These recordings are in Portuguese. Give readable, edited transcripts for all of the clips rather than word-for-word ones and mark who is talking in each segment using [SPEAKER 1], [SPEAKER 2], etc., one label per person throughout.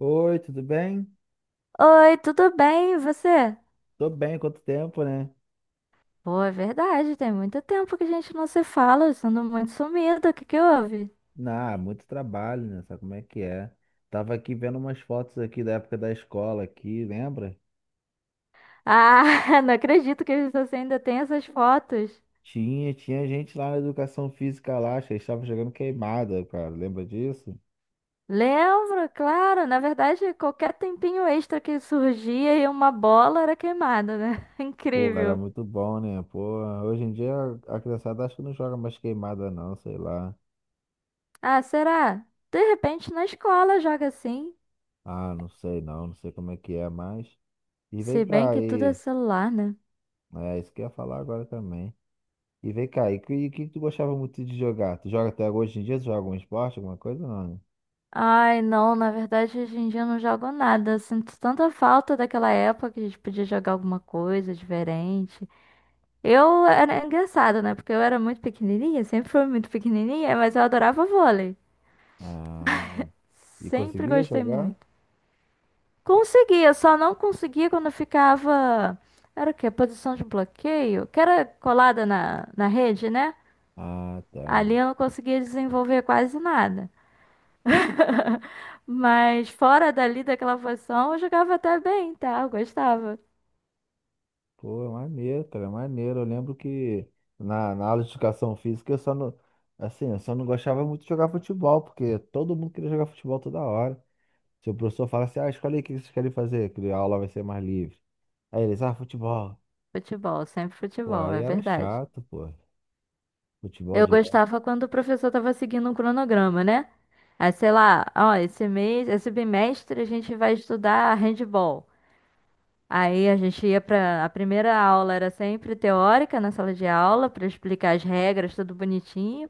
[SPEAKER 1] Oi, tudo bem?
[SPEAKER 2] Oi, tudo bem? E você?
[SPEAKER 1] Tô bem, quanto tempo, né?
[SPEAKER 2] Pô, é verdade, tem muito tempo que a gente não se fala, eu ando muito sumida, o que que houve?
[SPEAKER 1] Ah, muito trabalho, né? Sabe como é que é? Tava aqui vendo umas fotos aqui da época da escola aqui, lembra?
[SPEAKER 2] Ah, não acredito que você ainda tem essas fotos.
[SPEAKER 1] Tinha gente lá na educação física lá, acho que estava jogando queimada, cara. Lembra disso?
[SPEAKER 2] Lembro, claro, na verdade, qualquer tempinho extra que surgia e uma bola era queimada, né?
[SPEAKER 1] Pô, era
[SPEAKER 2] Incrível.
[SPEAKER 1] muito bom, né? Pô, hoje em dia a criançada acho que não joga mais queimada não, sei lá.
[SPEAKER 2] Ah, será? De repente na escola joga assim,
[SPEAKER 1] Ah, não sei não, não sei como é que é mais. E vem
[SPEAKER 2] se bem
[SPEAKER 1] cá
[SPEAKER 2] que tudo é
[SPEAKER 1] aí.
[SPEAKER 2] celular, né?
[SPEAKER 1] É, isso que eu ia falar agora também. E vem cá, e o que, que tu gostava muito de jogar? Tu joga até hoje em dia? Tu joga algum esporte, alguma coisa? Não, né?
[SPEAKER 2] Ai, não, na verdade hoje em dia eu não jogo nada. Eu sinto tanta falta daquela época que a gente podia jogar alguma coisa diferente. Eu era engraçado, né? Porque eu era muito pequenininha, sempre fui muito pequenininha, mas eu adorava vôlei.
[SPEAKER 1] Ah, e
[SPEAKER 2] Sempre
[SPEAKER 1] conseguia
[SPEAKER 2] gostei
[SPEAKER 1] jogar?
[SPEAKER 2] muito. Conseguia, só não conseguia quando eu ficava. Era o quê? Posição de bloqueio? Que era colada na rede, né?
[SPEAKER 1] Ah, tá.
[SPEAKER 2] Ali eu não conseguia desenvolver quase nada. Mas fora dali daquela posição, eu jogava até bem, tá? Eu gostava.
[SPEAKER 1] Pô, é maneiro, cara, é maneiro. Eu lembro que na aula de educação física eu só não, assim, eu só não gostava muito de jogar futebol, porque todo mundo queria jogar futebol toda hora. Se o professor falasse, ah, escolhe aí o que vocês querem fazer, que a aula vai ser mais livre. Aí eles, ah, futebol.
[SPEAKER 2] Futebol, sempre
[SPEAKER 1] Pô,
[SPEAKER 2] futebol,
[SPEAKER 1] aí
[SPEAKER 2] é
[SPEAKER 1] era
[SPEAKER 2] verdade.
[SPEAKER 1] chato, pô. Futebol
[SPEAKER 2] Eu
[SPEAKER 1] de.
[SPEAKER 2] gostava quando o professor estava seguindo um cronograma, né? Aí, sei lá, ó, esse mês, esse bimestre a gente vai estudar handball. Aí a gente ia para a primeira aula era sempre teórica na sala de aula para explicar as regras, tudo bonitinho.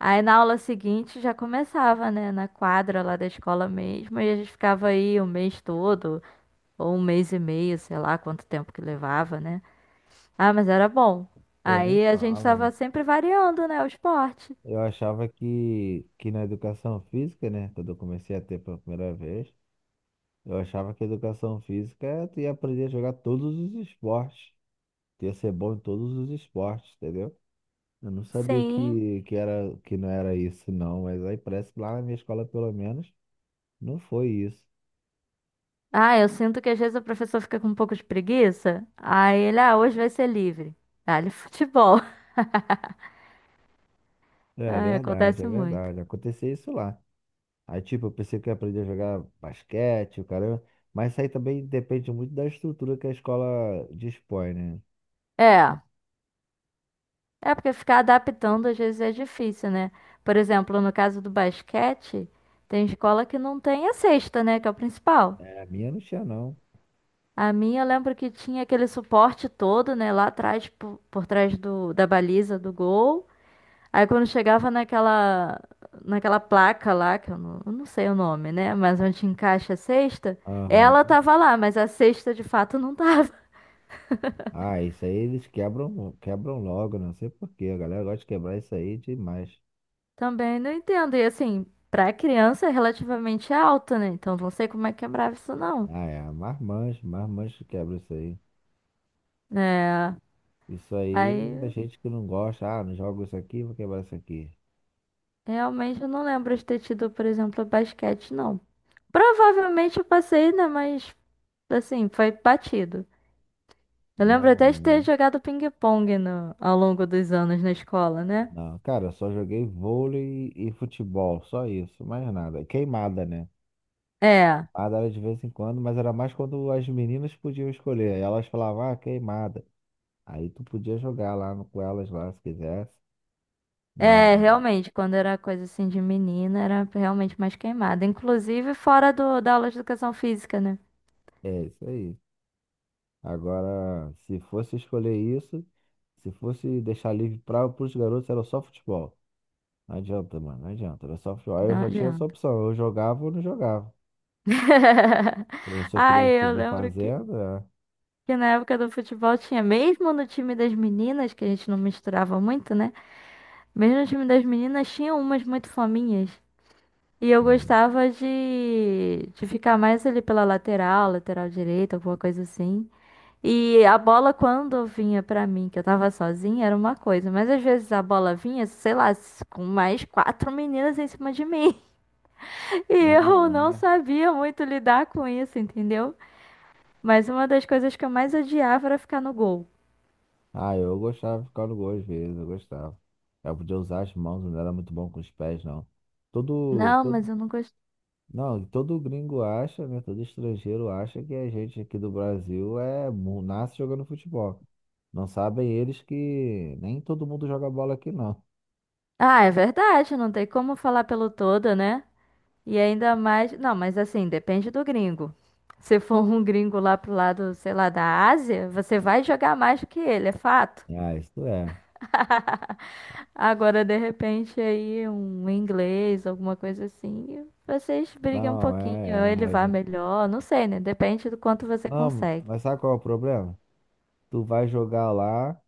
[SPEAKER 2] Aí na aula seguinte já começava, né, na quadra lá da escola mesmo, e a gente ficava aí o mês todo, ou um mês e meio, sei lá quanto tempo que levava, né? Ah, mas era bom.
[SPEAKER 1] Pô, nem
[SPEAKER 2] Aí a gente
[SPEAKER 1] fala.
[SPEAKER 2] tava sempre variando, né, o esporte.
[SPEAKER 1] Eu achava que na educação física, né? Quando eu comecei a ter pela primeira vez, eu achava que educação física é tu ia aprender a jogar todos os esportes. Tu ia ser bom em todos os esportes, entendeu? Eu não sabia
[SPEAKER 2] Sim.
[SPEAKER 1] que, era, que não era isso, não. Mas aí parece que lá na minha escola, pelo menos, não foi isso.
[SPEAKER 2] Ah, eu sinto que às vezes o professor fica com um pouco de preguiça. Aí ele, ah, hoje vai ser livre. Dá-lhe futebol.
[SPEAKER 1] É
[SPEAKER 2] Ah,
[SPEAKER 1] verdade, é
[SPEAKER 2] acontece muito.
[SPEAKER 1] verdade. Aconteceu isso lá. Aí, tipo, eu pensei que eu ia aprender a jogar basquete, o caramba. Mas isso aí também depende muito da estrutura que a escola dispõe, né?
[SPEAKER 2] É, é porque ficar adaptando às vezes é difícil, né? Por exemplo, no caso do basquete, tem escola que não tem a cesta, né, que é o principal.
[SPEAKER 1] É, a minha não tinha, não.
[SPEAKER 2] A minha, eu lembro que tinha aquele suporte todo, né, lá atrás, por trás da baliza do gol. Aí quando chegava naquela placa lá, que eu não sei o nome, né, mas onde encaixa a cesta, ela
[SPEAKER 1] Aham.
[SPEAKER 2] tava lá, mas a cesta de fato não tava.
[SPEAKER 1] Ah, isso aí eles quebram logo, né? Não sei por quê. A galera gosta de quebrar isso aí demais.
[SPEAKER 2] Também não entendo. E assim, pra criança é relativamente alta, né, então não sei como é que quebrava isso não.
[SPEAKER 1] Ah, é, marmanjo que quebra isso aí.
[SPEAKER 2] É,
[SPEAKER 1] Isso aí, a
[SPEAKER 2] aí
[SPEAKER 1] gente que não gosta, ah, não jogo isso aqui, vou quebrar isso aqui.
[SPEAKER 2] realmente eu não lembro de ter tido, por exemplo, basquete, não. Provavelmente eu passei, né? Mas assim, foi batido. Eu lembro
[SPEAKER 1] Não,
[SPEAKER 2] até de ter
[SPEAKER 1] é-
[SPEAKER 2] jogado ping-pong ao longo dos anos na escola, né?
[SPEAKER 1] não. Cara, eu só joguei vôlei e futebol, só isso, mais nada. Queimada, né?
[SPEAKER 2] É,
[SPEAKER 1] Queimada era de vez em quando, mas era mais quando as meninas podiam escolher. Aí elas falavam, ah, queimada. Aí tu podia jogar lá no- com elas lá, se quisesse. Mas
[SPEAKER 2] é, realmente, quando era coisa assim de menina, era realmente mais queimada. Inclusive fora da aula de educação física, né?
[SPEAKER 1] é isso aí. Agora, se fosse escolher isso, se fosse deixar livre para os garotos, era só futebol. Não adianta, mano, não adianta. Era só futebol. Aí eu
[SPEAKER 2] Não
[SPEAKER 1] só tinha essa
[SPEAKER 2] adianta.
[SPEAKER 1] opção, eu jogava ou não jogava. O professor queria que
[SPEAKER 2] Ai, eu
[SPEAKER 1] tivesse
[SPEAKER 2] lembro que,
[SPEAKER 1] fazendo, é.
[SPEAKER 2] que na época do futebol tinha, mesmo no time das meninas, que a gente não misturava muito, né? Mesmo no time das meninas, tinha umas muito fominhas. E eu
[SPEAKER 1] Aí,
[SPEAKER 2] gostava de ficar mais ali pela lateral, lateral direita, alguma coisa assim. E a bola, quando vinha pra mim, que eu tava sozinha, era uma coisa. Mas às vezes a bola vinha, sei lá, com mais quatro meninas em cima de mim. E eu
[SPEAKER 1] não,
[SPEAKER 2] não
[SPEAKER 1] né?
[SPEAKER 2] sabia muito lidar com isso, entendeu? Mas uma das coisas que eu mais odiava era ficar no gol.
[SPEAKER 1] Ah, eu gostava de ficar no gol às vezes, eu gostava. Eu podia usar as mãos, não era muito bom com os pés, não. Todo,
[SPEAKER 2] Não, mas eu não gosto.
[SPEAKER 1] não, todo gringo acha, né? Todo estrangeiro acha que a gente aqui do Brasil é mu- nasce jogando futebol. Não sabem eles que nem todo mundo joga bola aqui, não.
[SPEAKER 2] Ah, é verdade, não tem como falar pelo todo, né? E ainda mais. Não, mas assim, depende do gringo. Se for um gringo lá pro lado, sei lá, da Ásia, você vai jogar mais do que ele, é fato.
[SPEAKER 1] Ah, isso é.
[SPEAKER 2] Agora, de repente, aí um inglês, alguma coisa assim, vocês brigam um
[SPEAKER 1] Não, é,
[SPEAKER 2] pouquinho, ou ele
[SPEAKER 1] é, a
[SPEAKER 2] vai
[SPEAKER 1] gente-
[SPEAKER 2] melhor, não sei, né? Depende do quanto você
[SPEAKER 1] Não,
[SPEAKER 2] consegue.
[SPEAKER 1] mas sabe qual é o problema? Tu vai jogar lá.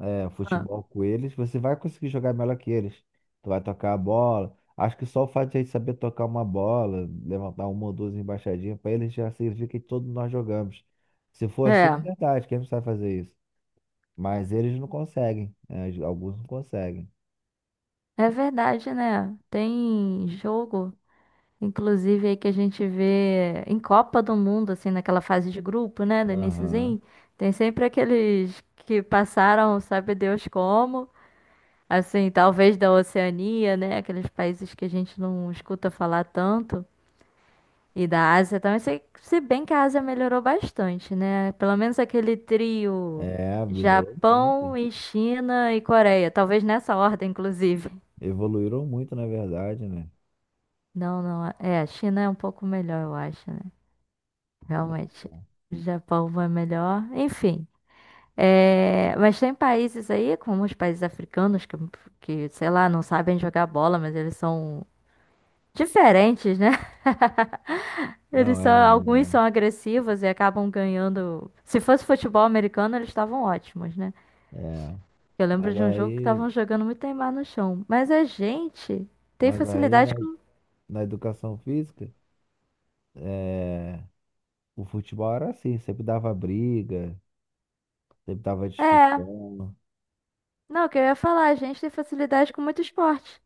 [SPEAKER 1] É, futebol com eles, você vai conseguir jogar melhor que eles. Tu vai tocar a bola. Acho que só o fato de a gente saber tocar uma bola, levantar uma ou duas embaixadinhas, para eles já significa que todos nós jogamos. Se for assim, é
[SPEAKER 2] É,
[SPEAKER 1] verdade, quem não sabe fazer isso? Mas eles não conseguem, né? Alguns não conseguem.
[SPEAKER 2] é verdade, né? Tem jogo. Inclusive aí que a gente vê em Copa do Mundo, assim, naquela fase de grupo, né, do
[SPEAKER 1] Aham.
[SPEAKER 2] iniciozinho, tem sempre aqueles que passaram, sabe Deus como, assim, talvez da Oceania, né, aqueles países que a gente não escuta falar tanto, e da Ásia também, se bem que a Ásia melhorou bastante, né, pelo menos aquele trio
[SPEAKER 1] É, melhorou muito.
[SPEAKER 2] Japão e China e Coreia, talvez nessa ordem, inclusive.
[SPEAKER 1] Evoluíram muito, na verdade, né?
[SPEAKER 2] Não, não, é, a China é um pouco melhor, eu acho, né. Realmente, o Japão vai melhor. Enfim, é, mas tem países aí, como os países africanos, que, sei lá, não sabem jogar bola, mas eles são diferentes, né? Eles
[SPEAKER 1] Não,
[SPEAKER 2] são,
[SPEAKER 1] é,
[SPEAKER 2] alguns são agressivos e acabam ganhando. Se fosse futebol americano, eles estavam ótimos, né?
[SPEAKER 1] é, é.
[SPEAKER 2] Eu lembro
[SPEAKER 1] Mas
[SPEAKER 2] de um jogo que
[SPEAKER 1] aí,
[SPEAKER 2] estavam jogando muito Neymar no chão. Mas a gente tem
[SPEAKER 1] mas aí na,
[SPEAKER 2] facilidade com.
[SPEAKER 1] na educação física, é. O futebol era assim, sempre dava briga, sempre dava
[SPEAKER 2] É,
[SPEAKER 1] discussão.
[SPEAKER 2] não, o que eu ia falar, a gente tem facilidade com muito esporte.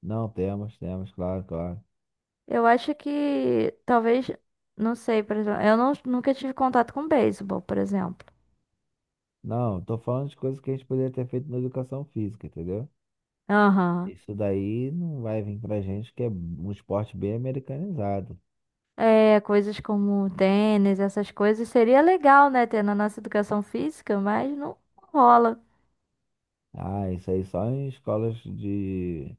[SPEAKER 1] Não, temos, claro, claro.
[SPEAKER 2] Eu acho que talvez, não sei, por exemplo, eu não, nunca tive contato com beisebol, por exemplo.
[SPEAKER 1] Não, tô falando de coisas que a gente poderia ter feito na educação física, entendeu?
[SPEAKER 2] Aham.
[SPEAKER 1] Isso daí não vai vir pra gente que é um esporte bem americanizado.
[SPEAKER 2] É, coisas como tênis, essas coisas, seria legal, né, ter na nossa educação física, mas não rola.
[SPEAKER 1] Ah, isso aí só em escolas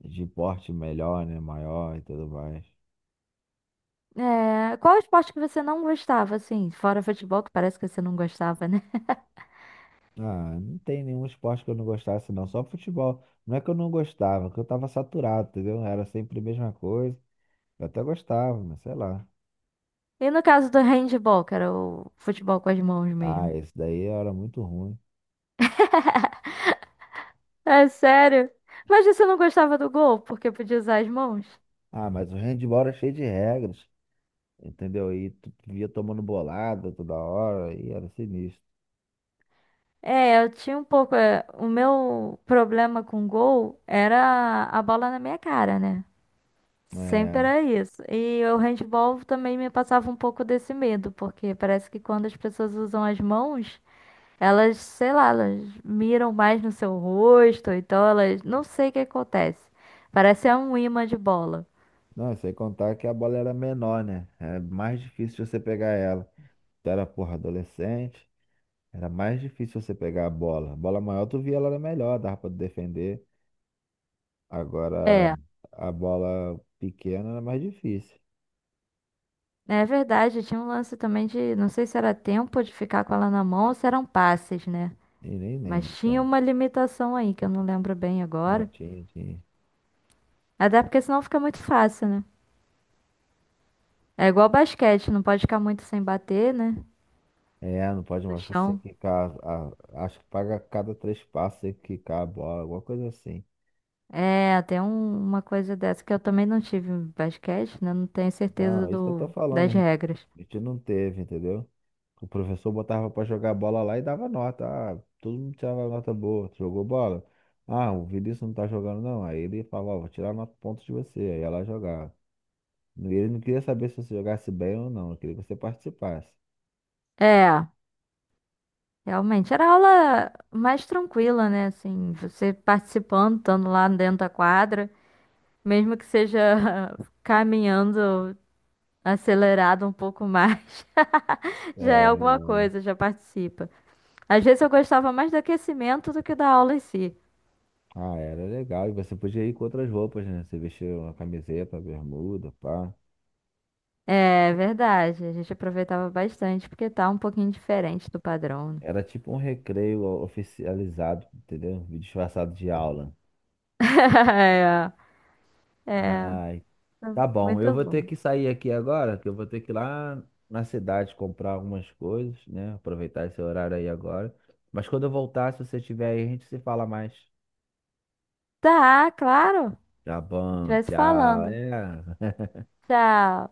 [SPEAKER 1] de porte melhor, né? Maior e tudo mais.
[SPEAKER 2] É, qual esporte que você não gostava, assim, fora futebol, que parece que você não gostava, né?
[SPEAKER 1] Ah, não tem nenhum esporte que eu não gostasse, não. Só futebol. Não é que eu não gostava, é que eu tava saturado, entendeu? Era sempre a mesma coisa. Eu até gostava, mas sei lá.
[SPEAKER 2] E no caso do handball, que era o futebol com as mãos
[SPEAKER 1] Ah,
[SPEAKER 2] mesmo.
[SPEAKER 1] esse daí era muito ruim.
[SPEAKER 2] É sério? Mas você não gostava do gol, porque podia usar as mãos?
[SPEAKER 1] Ah, mas o handball era cheio de regras, entendeu? E tu via tomando bolada toda hora e era sinistro.
[SPEAKER 2] É, eu tinha um pouco. É, o meu problema com gol era a bola na minha cara, né? Sempre
[SPEAKER 1] É.
[SPEAKER 2] era isso. E o handball também me passava um pouco desse medo, porque parece que quando as pessoas usam as mãos, elas, sei lá, elas miram mais no seu rosto, ou então elas. Não sei o que acontece. Parece é um imã de bola.
[SPEAKER 1] Não, sem contar que a bola era menor, né? Era mais difícil você pegar ela. Tu era, porra, adolescente, era mais difícil você pegar a bola. A bola maior tu via ela era melhor, dava pra tu defender. Agora,
[SPEAKER 2] É,
[SPEAKER 1] a bola pequena era mais difícil.
[SPEAKER 2] é verdade. Tinha um lance também de. Não sei se era tempo de ficar com ela na mão ou se eram passes, né?
[SPEAKER 1] E nem
[SPEAKER 2] Mas
[SPEAKER 1] lembro,
[SPEAKER 2] tinha
[SPEAKER 1] então.
[SPEAKER 2] uma limitação aí, que eu não lembro bem
[SPEAKER 1] Não,
[SPEAKER 2] agora.
[SPEAKER 1] tinha, tinha.
[SPEAKER 2] Até porque senão fica muito fácil, né? É igual basquete, não pode ficar muito sem bater, né?
[SPEAKER 1] É, não pode
[SPEAKER 2] No
[SPEAKER 1] marcar sem
[SPEAKER 2] chão.
[SPEAKER 1] quicar. A- acho que paga a cada três passos sem quicar a bola, alguma coisa assim.
[SPEAKER 2] É, tem uma coisa dessa que eu também não tive em basquete, né? Não tenho
[SPEAKER 1] Não,
[SPEAKER 2] certeza
[SPEAKER 1] é isso que eu tô
[SPEAKER 2] do,
[SPEAKER 1] falando, a
[SPEAKER 2] das
[SPEAKER 1] gente.
[SPEAKER 2] regras.
[SPEAKER 1] A gente não teve, entendeu? O professor botava pra jogar bola lá e dava nota. Ah, todo mundo tirava nota boa. Tu jogou bola? Ah, o Vinícius não tá jogando, não. Aí ele falava, ó, vou tirar nota pontos de você. Aí ela jogava. E ele não queria saber se você jogasse bem ou não, ele queria que você participasse.
[SPEAKER 2] É, realmente, era aula mais tranquila, né? Assim, você participando, estando lá dentro da quadra, mesmo que seja caminhando acelerado um pouco mais, já é alguma
[SPEAKER 1] É,
[SPEAKER 2] coisa, já participa. Às vezes eu gostava mais do aquecimento do que da aula em si.
[SPEAKER 1] ah, era legal. E você podia ir com outras roupas, né? Você vestia uma camiseta, bermuda, pá.
[SPEAKER 2] É verdade, a gente aproveitava bastante porque tá um pouquinho diferente do padrão, né?
[SPEAKER 1] Era tipo um recreio oficializado, entendeu? Disfarçado de aula. Ai,
[SPEAKER 2] É,
[SPEAKER 1] tá bom. Eu
[SPEAKER 2] muito
[SPEAKER 1] vou ter
[SPEAKER 2] bom.
[SPEAKER 1] que sair aqui agora, que eu vou ter que ir lá na cidade comprar algumas coisas, né? Aproveitar esse horário aí agora. Mas quando eu voltar, se você estiver aí, a gente se fala mais.
[SPEAKER 2] Tá, claro.
[SPEAKER 1] Tá bom,
[SPEAKER 2] A
[SPEAKER 1] tchau.
[SPEAKER 2] falando.
[SPEAKER 1] É.
[SPEAKER 2] Tchau.